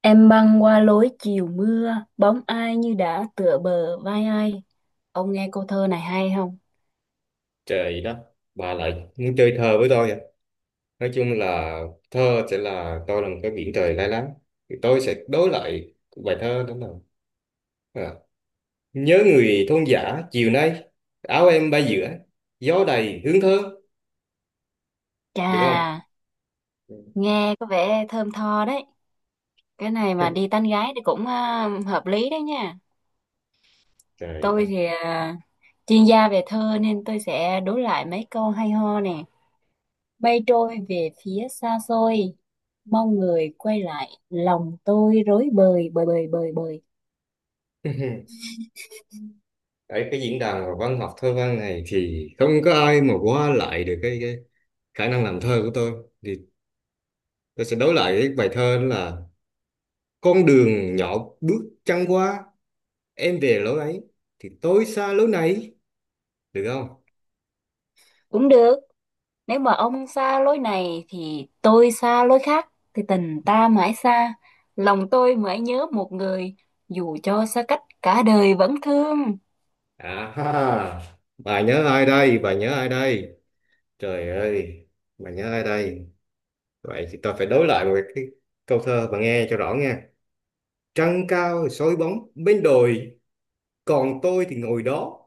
Em băng qua lối chiều mưa, bóng ai như đã tựa bờ vai ai. Ông nghe câu thơ này hay không? Trời đất, bà lại muốn chơi thơ với tôi à? Nói chung là thơ sẽ là tôi là một cái biển trời lai láng. Thì tôi sẽ đối lại bài thơ đó là à. nhớ người thôn giả chiều nay, áo em bay giữa, gió đầy hướng thơ, Chà, được không? nghe có vẻ thơm tho đấy. Cái này mà đi tán gái thì cũng hợp lý đấy nha. Trời Tôi đất. thì chuyên gia về thơ nên tôi sẽ đối lại mấy câu hay ho nè. Mây trôi về phía xa xôi, mong người quay lại, lòng tôi rối bời bời bời bời bời. Ở cái diễn đàn văn học thơ văn này thì không có ai mà qua lại được cái khả năng làm thơ của tôi. Thì tôi sẽ đối lại cái bài thơ đó là con đường nhỏ bước trăng qua, em về lối ấy thì tôi xa lối này, được không? Cũng được. Nếu mà ông xa lối này thì tôi xa lối khác, thì tình ta mãi xa. Lòng tôi mãi nhớ một người, dù cho xa cách cả đời vẫn thương. À ha bà nhớ ai đây, bà nhớ ai đây, trời ơi, bà nhớ ai đây? Vậy thì tôi phải đối lại một cái câu thơ, bà nghe cho rõ nha: trăng cao soi bóng bên đồi, còn tôi thì ngồi đó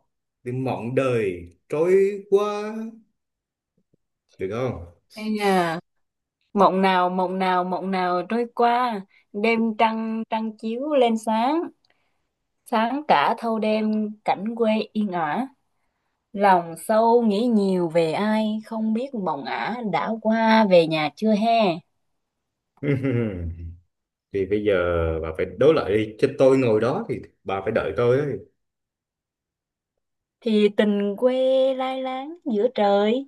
để mộng đời trôi qua, được không? Ây da, mộng nào, mộng nào, mộng nào trôi qua, đêm trăng, trăng chiếu lên sáng, sáng cả thâu đêm cảnh quê yên ả. Lòng sâu nghĩ nhiều về ai, không biết mộng ả đã qua về nhà chưa he. Thì bây giờ bà phải đối lại đi chứ, tôi ngồi đó thì bà phải đợi tôi ấy. Thì tình quê lai láng giữa trời.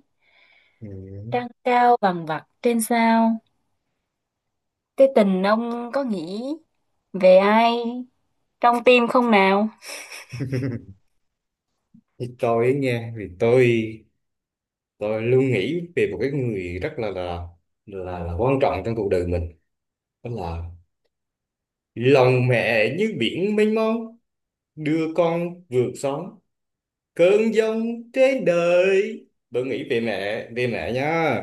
Ừ. Trăng cao vằng vặc trên sao, cái tình ông có nghĩ về ai trong tim không nào? Thì tôi ấy nghe thì tôi luôn nghĩ về một cái người rất là quan trọng trong cuộc đời mình, đó là lòng mẹ như biển mênh mông, đưa con vượt sóng cơn giông trên đời. Tôi nghĩ về mẹ, về mẹ nha.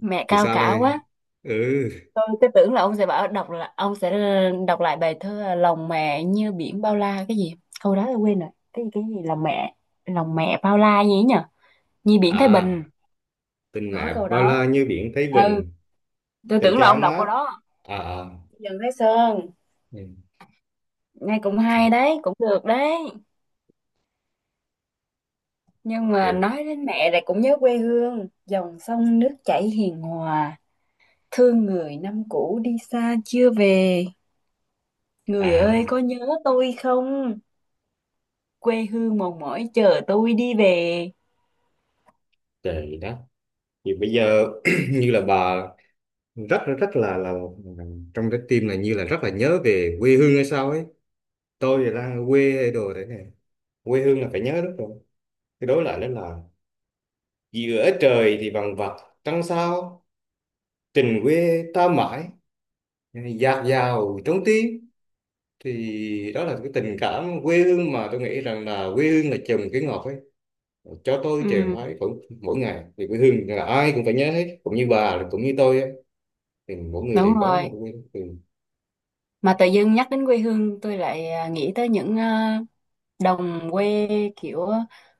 Mẹ Thì cao sao cả đây? quá. Ừ. Tôi tưởng là ông sẽ bảo đọc, là ông sẽ đọc lại bài thơ lòng mẹ như biển bao la cái gì, câu đó tôi quên rồi, cái gì lòng mẹ, lòng mẹ bao la gì ấy nhở? Như biển Thái À, Bình, tình có mẹ câu bao la đó. như biển Thái Ừ, Bình, tôi tình tưởng là cha ông đọc câu mát, đó. à à, Dần Thái Sơn, ừ. nghe cũng hay đấy, cũng được đấy. Nhưng mà Rồi. nói đến mẹ lại cũng nhớ quê hương, dòng sông nước chảy hiền hòa, thương người năm cũ đi xa chưa về. Người ơi À, có nhớ tôi không? Quê hương mòn mỏi chờ tôi đi về. trời đất. Thì bây giờ như là bà rất rất là trong trái tim là như là rất là nhớ về quê hương hay sao ấy. Tôi thì đang ở quê hay đồ thế này, quê hương là phải nhớ, đúng rồi. Cái đối lại đó là giữa trời thì vằng vặc trăng sao, tình quê ta mãi dạt dào trong tim. Thì đó là cái tình cảm quê hương mà tôi nghĩ rằng là quê hương là trồng cái ngọt ấy cho tôi trường Ừ, phái cũng mỗi ngày. Thì quê hương là ai cũng phải nhớ hết, cũng như bà cũng như tôi ấy. Thì mỗi người đúng đều có rồi. một quê hương. Mà tự dưng nhắc đến quê hương tôi lại nghĩ tới những đồng quê, kiểu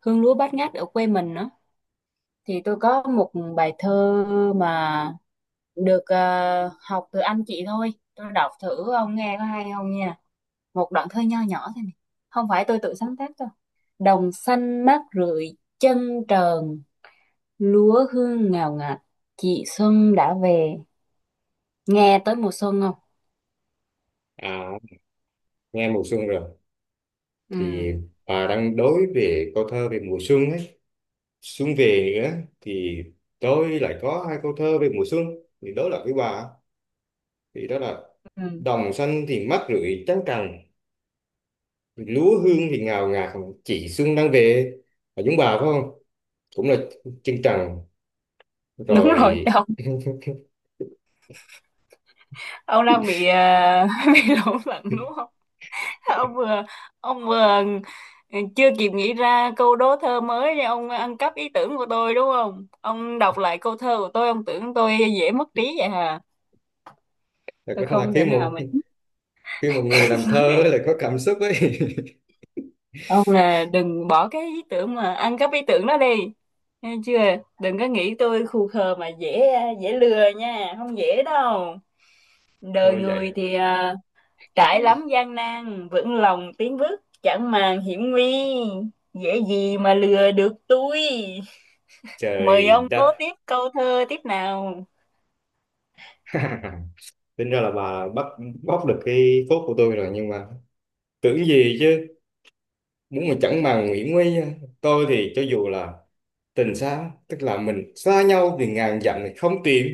hương lúa bát ngát ở quê mình đó. Thì tôi có một bài thơ mà được học từ anh chị thôi. Tôi đọc thử ông nghe có hay không nha. Một đoạn thơ nho nhỏ thôi này, không phải tôi tự sáng tác đâu. Đồng xanh mát rượi chân trần, lúa hương ngào ngạt, chị xuân đã về. Nghe tới mùa xuân không? À, nghe mùa xuân rồi. Ừ, Thì bà đang đối về câu thơ về mùa xuân ấy, xuân về nữa thì tôi lại có hai câu thơ về mùa xuân thì đối lập với bà, thì đó là ừ. đồng xanh thì mát rượi trắng cằn, lúa hương thì ngào ngạt, chị xuân đang về. Là chúng bà phải không? Cũng là chân trần Đúng rồi. rồi ông ông đang bị bị lẫn lẫn đúng không? Ông vừa, ông vừa, ừ, chưa kịp nghĩ ra câu đố thơ mới ông ăn cắp ý tưởng của tôi đúng không? Ông đọc lại câu thơ của tôi, ông tưởng tôi dễ mất trí vậy hả? Thật Tôi ra là không khi thể nào một, mà... khi một người làm thơ ấy là có cảm xúc ấy. Ông là đừng bỏ cái ý tưởng mà ăn cắp ý tưởng đó đi. Nghe chưa? Đừng có nghĩ tôi khù khờ mà dễ, dễ lừa nha, không dễ đâu. Đời Thôi vậy. người thì trải lắm gian nan, vững lòng tiến bước, chẳng màng hiểm nguy. Dễ gì mà lừa được tôi. Mời Trời ông đố đất. tiếp câu thơ tiếp nào. Tính ra là bà bắt, bóc được cái phốt của tôi rồi, nhưng mà tưởng gì chứ. Đúng là chẳng màng Nguyễn Nguy. Tôi thì cho dù là tình xa, tức là mình xa nhau thì ngàn dặm thì không tìm,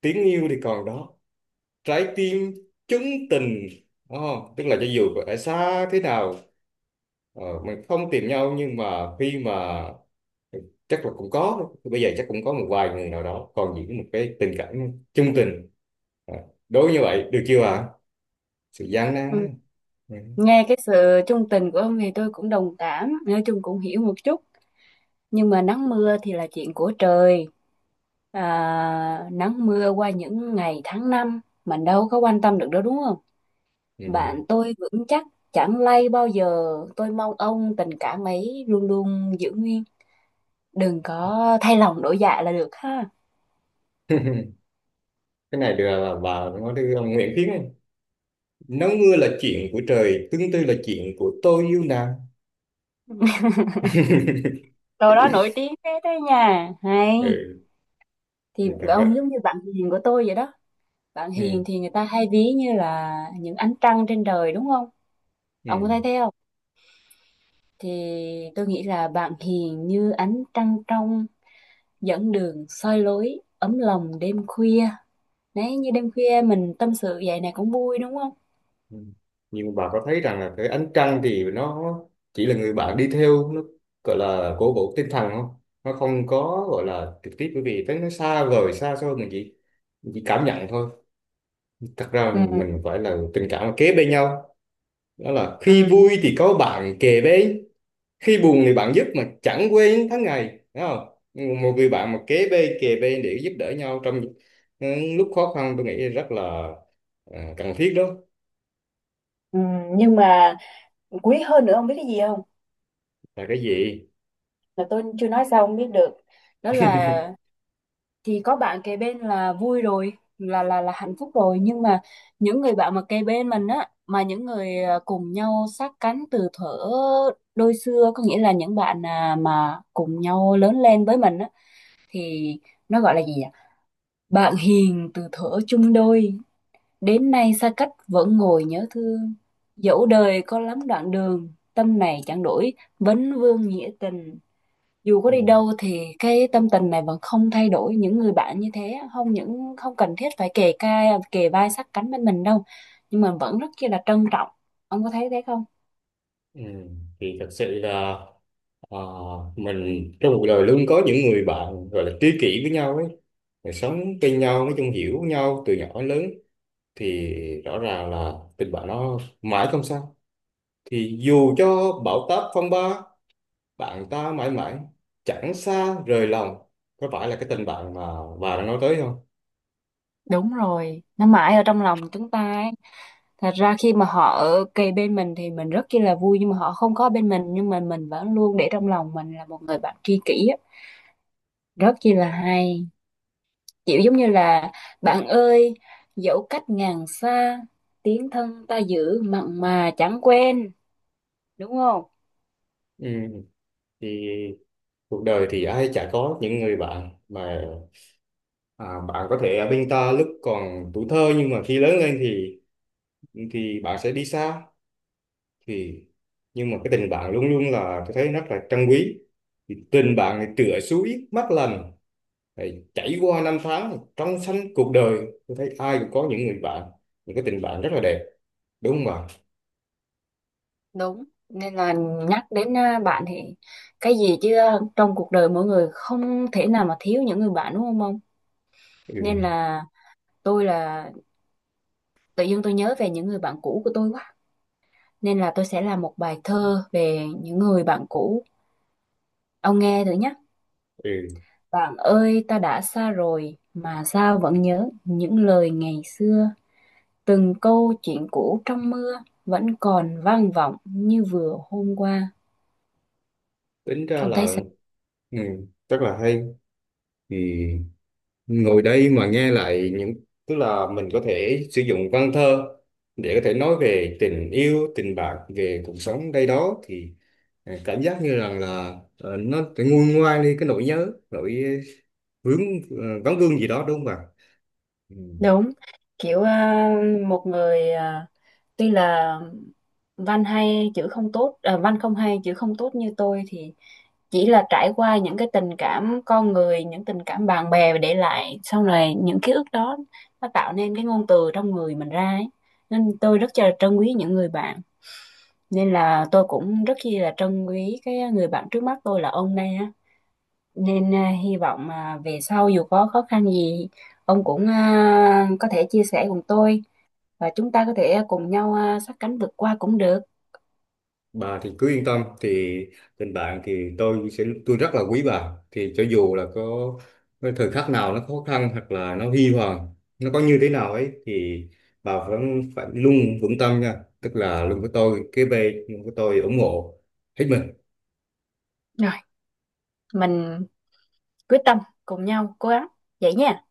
tiếng yêu thì còn đó, trái tim chứng tình. Oh, tức là cho dù ở xa thế nào, mình không tìm nhau, nhưng mà khi mà, ừ, chắc là cũng có, bây giờ chắc cũng có một vài người nào đó còn giữ một cái tình cảm chung tình. Ờ, đối như vậy được chưa ạ? Sự gian nan Ừ, á. Ừ. nghe cái sự trung tình của ông thì tôi cũng đồng cảm, nói chung cũng hiểu một chút. Nhưng mà nắng mưa thì là chuyện của trời, à, nắng mưa qua những ngày tháng năm mình đâu có quan tâm được đâu đúng không? Ừ. Bạn tôi vững chắc, chẳng lay bao giờ. Tôi mong ông tình cảm ấy luôn luôn giữ nguyên, đừng có thay lòng đổi dạ là được ha. Cái này được là bà nói với ông Nguyễn Tiến ấy. Nắng mưa là chuyện của trời, tương tư là chuyện của tôi yêu nàng. Câu đó nổi tiếng thế đấy nha, hay. Ừ. Thì Thì thật ra, ông giống như bạn hiền của tôi vậy đó. Bạn ừ, hiền thì người ta hay ví như là những ánh trăng trên trời đúng không, ông có ừ, thấy thế không? Thì tôi nghĩ là bạn hiền như ánh trăng trong, dẫn đường soi lối, ấm lòng đêm khuya. Đấy, như đêm khuya mình tâm sự vậy này cũng vui đúng không? ừ, nhưng mà bà có thấy rằng là cái ánh trăng thì nó chỉ là người bạn đi theo, nó gọi là cổ vũ tinh thần không? Nó không có gọi là trực tiếp, bởi vì tới nó xa vời xa xôi, mình chỉ, mình chỉ cảm nhận thôi. Thật ra Ừ, mình phải là tình cảm là kế bên nhau, đó là khi ừ, vui thì có bạn kề bên, khi buồn thì bạn giúp mà chẳng quê những tháng ngày, đúng không? Một người bạn mà kế bên kề bên để giúp đỡ nhau trong, ừ, lúc khó khăn, tôi nghĩ rất là, cần thiết đó. ừ. Nhưng mà quý hơn nữa không biết cái gì không? Là cái gì? Là tôi chưa nói sao không biết được. Đó là, thì có bạn kề bên là vui rồi, là hạnh phúc rồi, nhưng mà những người bạn mà kề bên mình á, mà những người cùng nhau sát cánh từ thuở đôi xưa, có nghĩa là những bạn mà cùng nhau lớn lên với mình á, thì nó gọi là gì ạ? Bạn hiền từ thuở chung đôi, đến nay xa cách vẫn ngồi nhớ thương, dẫu đời có lắm đoạn đường tâm này chẳng đổi, vấn vương nghĩa tình. Dù có Ừ. đi đâu thì cái tâm tình này vẫn không thay đổi, những người bạn như thế không những không cần thiết phải kề vai sát cánh bên mình đâu, nhưng mà vẫn rất chi là trân trọng. Ông có thấy thế không? Ừ. Thì thật sự là, ờ, mình trong cuộc đời luôn có những người bạn gọi là tri kỷ với nhau ấy. Rồi sống bên nhau, nói chung hiểu nhau từ nhỏ đến lớn, thì rõ ràng là tình bạn nó mãi không sao. Thì dù cho bão táp phong ba, bạn ta mãi mãi chẳng xa rời lòng. Có phải là cái tình bạn mà bà đang nói tới không? Đúng rồi, nó mãi ở trong lòng chúng ta ấy. Thật ra khi mà họ ở kề bên mình thì mình rất chi là vui, nhưng mà họ không có bên mình nhưng mà mình vẫn luôn để trong lòng mình là một người bạn tri kỷ á. Rất chi là hay, kiểu giống như là bạn ơi, dẫu cách ngàn xa, tiếng thân ta giữ mặn mà chẳng quên, đúng không? Ừ. Thì cuộc đời thì ai chả có những người bạn mà, bạn có thể ở bên ta lúc còn tuổi thơ, nhưng mà khi lớn lên thì bạn sẽ đi xa. Thì nhưng mà cái tình bạn luôn luôn là tôi thấy rất là trân quý. Thì tình bạn này tựa suối mắt lành, thì chảy qua năm tháng trong xanh cuộc đời. Tôi thấy ai cũng có những người bạn, những cái tình bạn rất là đẹp, đúng không bạn? Đúng. Nên là, nhắc đến bạn thì cái gì chứ, trong cuộc đời mỗi người không thể nào mà thiếu những người bạn đúng không ông? Nên Ừ. là, tôi là, tự dưng tôi nhớ về những người bạn cũ của tôi quá, nên là tôi sẽ làm một bài thơ về những người bạn cũ, ông nghe thử nhé. Ừ. Bạn ơi ta đã xa rồi, mà sao vẫn nhớ những lời ngày xưa, từng câu chuyện cũ trong mưa vẫn còn vang vọng như vừa hôm qua. Tính ra Ông thấy? là, ừ, rất là hay. Thì ngồi đây mà nghe lại những, tức là mình có thể sử dụng văn thơ để có thể nói về tình yêu, tình bạn, về cuộc sống đây đó, thì cảm giác như rằng là nó nguôi ngoai đi cái nỗi nhớ, nỗi vướng, vắng vương gì đó, đúng không ạ? Ừ. Đúng, kiểu một người tuy là văn hay chữ không tốt, văn không hay chữ không tốt như tôi, thì chỉ là trải qua những cái tình cảm con người, những tình cảm bạn bè để lại sau này những ký ức đó, nó tạo nên cái ngôn từ trong người mình ra ấy. Nên tôi rất là trân quý những người bạn. Nên là tôi cũng rất chi là trân quý cái người bạn trước mắt tôi là ông này, nên hy vọng về sau dù có khó khăn gì ông cũng có thể chia sẻ cùng tôi, và chúng ta có thể cùng nhau sát cánh vượt qua cũng được. Bà thì cứ yên tâm, thì tình bạn thì tôi sẽ, tôi rất là quý bà, thì cho dù là có cái thời khắc nào nó khó khăn hoặc là nó huy hoàng, nó có như thế nào ấy thì bà vẫn phải luôn vững tâm nha, tức là luôn với tôi kế bên, luôn với tôi ủng hộ hết mình. Rồi, mình quyết tâm cùng nhau cố gắng vậy nha.